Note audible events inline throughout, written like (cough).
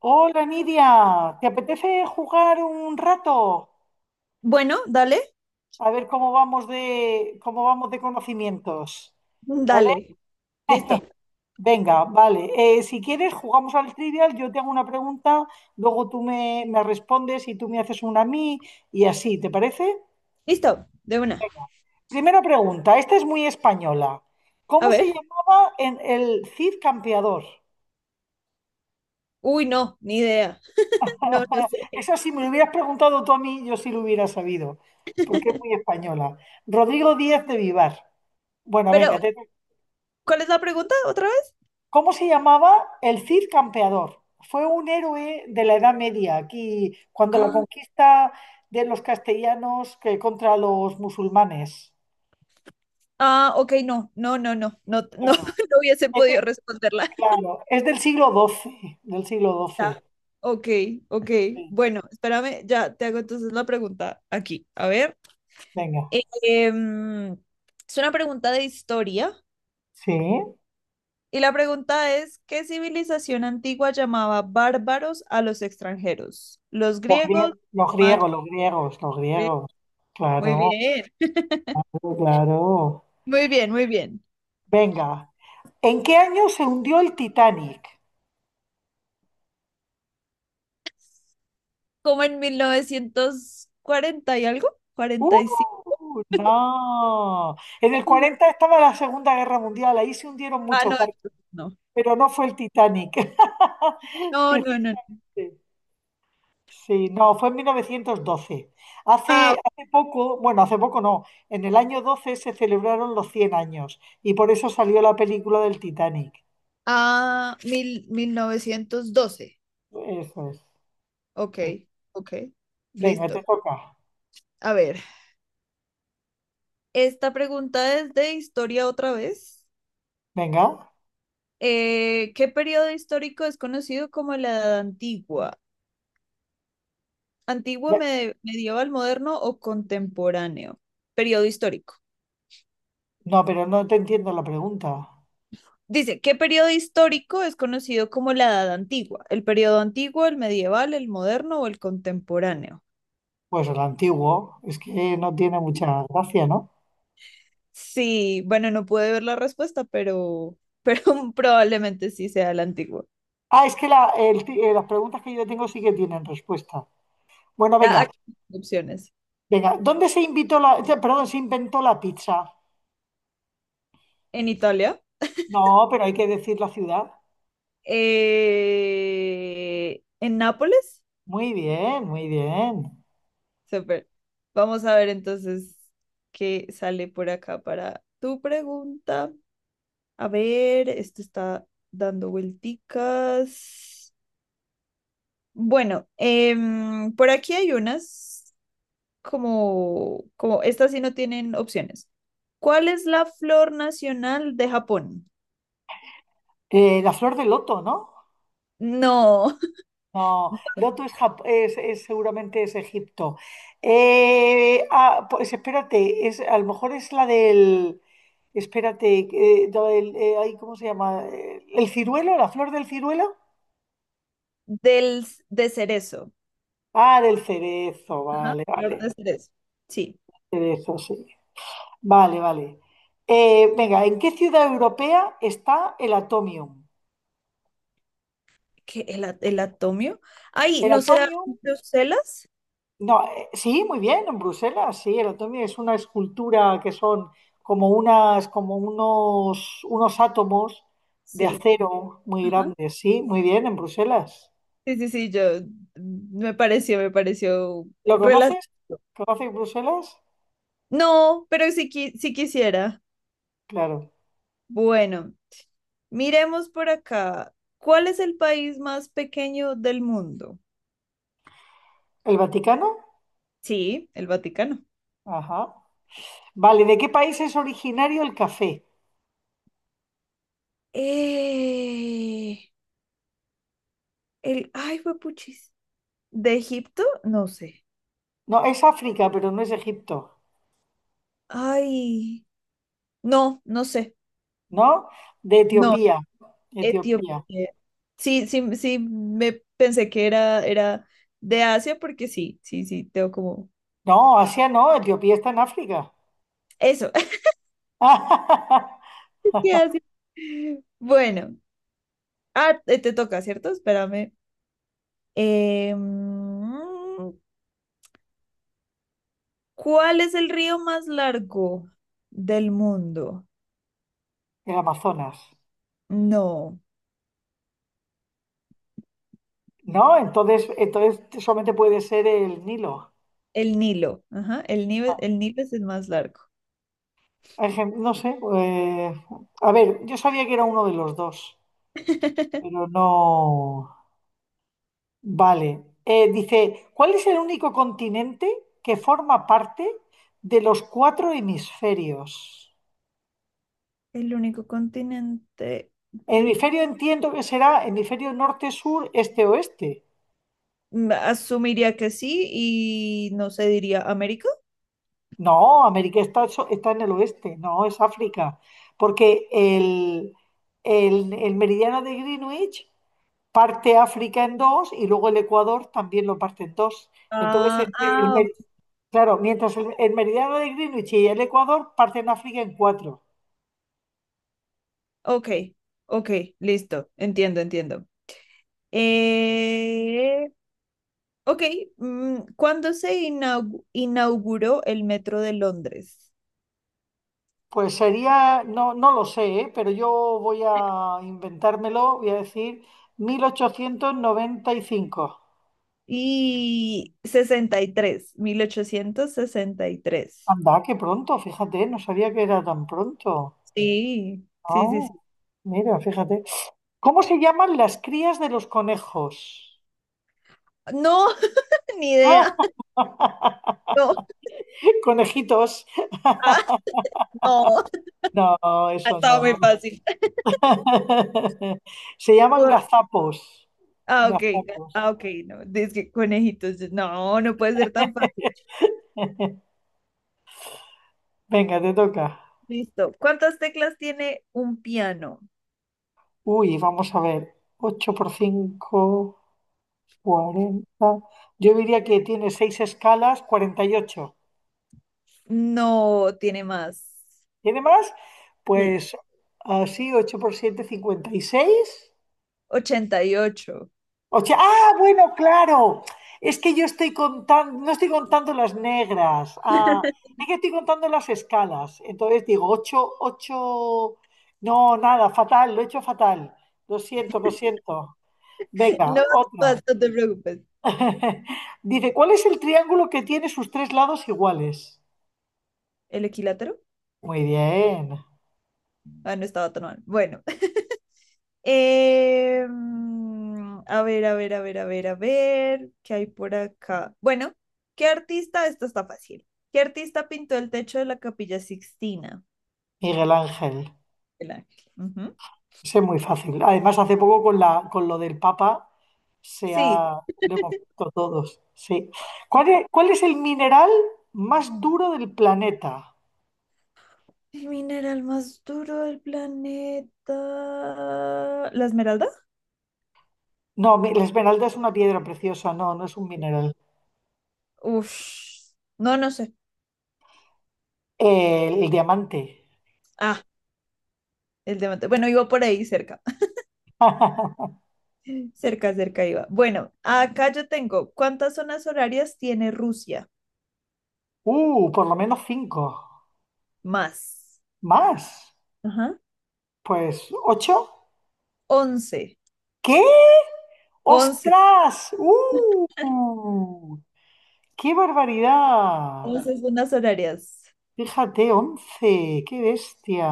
Hola Nidia, ¿te apetece jugar un rato? Bueno, dale, A ver cómo vamos de conocimientos. ¿Vale? dale. Listo, Venga, vale. Si quieres, jugamos al trivial, yo te hago una pregunta, luego tú me respondes y tú me haces una a mí y así, ¿te parece? listo, de una. Primera pregunta, esta es muy española. A ¿Cómo se ver. llamaba en el Cid Campeador? Uy, no, ni idea. (laughs) No, no (laughs) sé. Esa si me lo hubieras preguntado tú a mí, yo sí lo hubiera sabido, porque es muy española. Rodrigo Díaz de Vivar. Bueno, Pero, venga. ¿cuál es la pregunta otra vez? ¿Cómo se llamaba el Cid Campeador? Fue un héroe de la Edad Media, aquí cuando la Ah, conquista de los castellanos que contra los musulmanes. ah, ok, no, no, no, no, no, no, Claro, (laughs) no hubiese es, de- podido responderla. (laughs) claro, es del siglo XII, del siglo Ya. XII. Ok, ok. Sí, Bueno, espérame, ya te hago entonces la pregunta aquí. A ver. venga, Em, es una pregunta de historia. sí, Y la pregunta es, ¿qué civilización antigua llamaba bárbaros a los extranjeros? ¿Los los, griegos? grie- los griegos, los griegos, los Bien. griegos. Muy Claro, bien, (laughs) claro, claro. muy bien, muy bien. Venga, ¿en qué año se hundió el Titanic? Como en 1940 y algo, cuarenta y cinco. ¡Uh! No. En el 40 estaba la Segunda Guerra Mundial, ahí se hundieron Ah, muchos no, barcos, entonces no. pero no fue el Titanic. (laughs) No, no, no, Precisamente. no. Sí, no, fue en 1912. Ah, Hace poco, bueno, hace poco no, en el año 12 se celebraron los 100 años y por eso salió la película del Titanic. ah, mil, 1912. Eso es, Ok, sí. ok, Venga, listo. te toca. A ver, esta pregunta es de historia otra vez. Venga. ¿Qué periodo histórico es conocido como la Edad Antigua? ¿Antiguo, Ve- medieval, moderno o contemporáneo? Periodo histórico. No, pero no te entiendo la pregunta. Dice, ¿qué periodo histórico es conocido como la Edad Antigua? ¿El periodo antiguo, el medieval, el moderno o el contemporáneo? Pues el antiguo, es que no tiene mucha gracia, ¿no? Sí, bueno, no pude ver la respuesta, pero (laughs) probablemente sí sea el antiguo. Ah, es que las preguntas que yo tengo sí que tienen respuesta. Bueno, Ya, venga, aquí hay opciones. venga. ¿Dónde se invitó la, perdón, se inventó la pizza? ¿En Italia? No, pero hay que decir la ciudad. ¿En Nápoles? Muy bien, muy bien. Súper. Vamos a ver entonces qué sale por acá para tu pregunta. A ver, esto está dando vuelticas. Bueno, por aquí hay unas como, como estas sí no tienen opciones. ¿Cuál es la flor nacional de Japón? La flor de loto, ¿no? No, No, (laughs) loto es, seguramente es Egipto. Ah, pues espérate, es, a lo mejor es la del, espérate, ay, ¿cómo se llama? ¿El ciruelo? ¿La flor del ciruelo? del de cerezo. Ah, del cerezo, Ajá, vale, flor vale. de cerezo. Sí, De eso, sí. Vale, vale. Venga, ¿en qué ciudad europea está el Atomium? que el, el atomio. Ay, El ¿no será Atomium, Bruselas? no, sí, muy bien, en Bruselas, sí, el Atomium es una escultura que son como unas, como unos, unos átomos de Sí. acero muy Ajá. grandes, sí, muy bien, en Bruselas. Sí, sí, sí, yo me pareció, ¿Lo rela- conoces? ¿Conoces Bruselas? No, pero sí, sí quisiera. Claro. Bueno, miremos por acá. ¿Cuál es el país más pequeño del mundo? ¿El Vaticano? Sí, el Vaticano. Ajá. Vale, ¿de qué país es originario el café? Eh, el, ay, puchis. ¿De Egipto? No sé. No, es África, pero no es Egipto. Ay, no, no sé. ¿No? De No, Etiopía, Etiopía. Etiopía. Sí, sí, sí, me pensé que era, era de Asia porque sí, sí, sí, tengo como... No, Asia no, Etiopía está en África. Eso, (laughs) (laughs) de Asia. Bueno, ah, te toca, ¿cierto? Espérame. Eh, ¿Cuál es el río más largo del mundo? El Amazonas. No, No, entonces solamente puede ser el Nilo. el Nilo. Ajá, el Nilo es el más largo. No sé. A ver, yo sabía que era uno de los dos, pero (laughs) no. Vale. Dice, ¿cuál es el único continente que forma parte de los cuatro hemisferios? El único continente El del... hemisferio entiendo que será hemisferio norte, sur, este, oeste. Asumiría que sí y no se diría América. No, América está en el oeste, no es África, porque el meridiano de Greenwich parte África en dos y luego el Ecuador también lo parte en dos. Entonces, Ah, ah, claro, mientras el meridiano de Greenwich y el Ecuador parten África en cuatro. ok, ok, listo, entiendo, entiendo. Eh, Ok, ¿cuándo se inauguró el metro de Londres? Pues sería, no lo sé, ¿eh? Pero yo voy a inventármelo, voy a decir 1895. Y sesenta y tres, mil ochocientos sesenta y tres. Anda, qué pronto, fíjate, no sabía que era tan pronto. Sí, sí, sí, Ah, sí. mira, fíjate. ¿Cómo se llaman las crías de los conejos? No, (laughs) ni idea. Ah, No, (laughs) conejitos. ah, no, (laughs) No, ha eso estado muy no. fácil. (laughs) Se llaman Bu- gazapos. Ah, ok, Gazapos. ah, ok, no, es que conejitos, no, no puede ser tan fácil. Venga, te toca. Listo. ¿Cuántas teclas tiene un piano? Uy, vamos a ver. 8 por 5, 40. Yo diría que tiene 6 escalas, 48. No, tiene más. ¿Tiene más? Sí, Pues así, 8 por siete, 56. 88. O sea, ah, bueno, claro. Es que yo estoy contando, no estoy contando las negras. Ah, (laughs) es que estoy contando las escalas. Entonces digo, 8, 8. No, nada, fatal, lo he hecho fatal. Lo siento, lo siento. Venga, No, otra. no, no te preocupes. (laughs) Dice, ¿cuál es el triángulo que tiene sus tres lados iguales? ¿El equilátero? Muy bien, Ah, no estaba tan mal. Bueno, a ver, a ver, a ver, a ver, a ver. ¿Qué hay por acá? Bueno, ¿qué artista? Esto está fácil. ¿Qué artista pintó el techo de la Capilla Sixtina? Miguel Ángel. El Ángel. Ujú. Ese es muy fácil. Además, hace poco con la, con lo del Papa se Sí. ha, lo hemos visto todos. Sí. Cuál es el mineral más duro del planeta? El mineral más duro del planeta. ¿La esmeralda? No, la esmeralda es una piedra preciosa, no, no es un mineral. Uf. No, no sé. El diamante. Ah, el diamante. Bueno, iba por ahí cerca. (laughs) Cerca, cerca iba. Bueno, acá yo tengo, ¿cuántas zonas horarias tiene Rusia? Por lo menos cinco. Más. ¿Más? Ajá. Pues ocho. Once. ¿Qué? 11. ¡Ostras! ¡Uh! ¡Qué barbaridad! 11 zonas horarias. Fíjate, 11. ¡Qué bestia!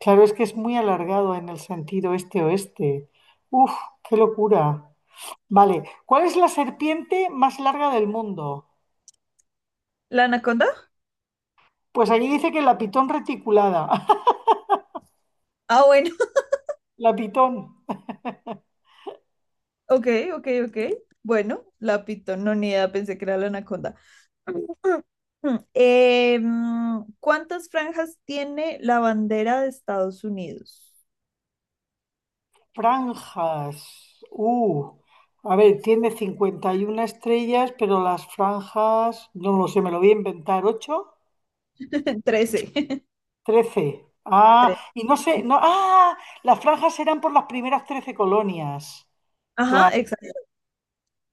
Claro, es que es muy alargado en el sentido este-oeste. Uf, qué locura. Vale, ¿cuál es la serpiente más larga del mundo? ¿La anaconda? Pues aquí dice que la pitón reticulada. (laughs) Ah, bueno. (laughs) La pitón. Ok, ok, ok. Bueno, la pitón, no ni idea, pensé que era la anaconda. (clears throat) (laughs) ¿Cuántas franjas tiene la bandera de Estados Unidos? Franjas. Uh, a ver, tiene 51 estrellas, pero las franjas, no lo sé, me lo voy a inventar. 8, (laughs) 13. (laughs) 13. Tres. Ah, y no sé, no, ah, las franjas eran por las primeras 13 colonias. Ajá, Claro. exacto.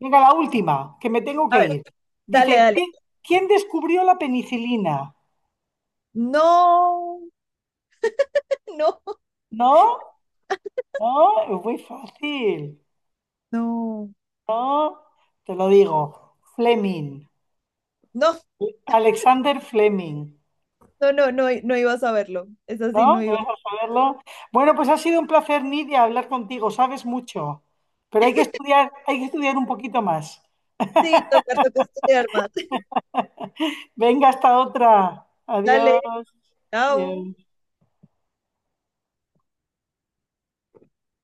Venga, la última, que me tengo A que ver, ir. dale, Dice, dale. ¿quién descubrió la penicilina? No, (laughs) no, ¿No? ¿No? Es muy fácil. no. ¿No? Te lo digo. Fleming. No, Alexander Fleming. no, no, no, no iba a saberlo. Es así, ¿No? no ¿No iba. vas a saberlo? Bueno, pues ha sido un placer, Nidia, hablar contigo. Sabes mucho, pero hay que estudiar un poquito más. Sí, tocar, toca estudiar más. (laughs) Venga, hasta otra. Dale, Adiós. chao. Adiós.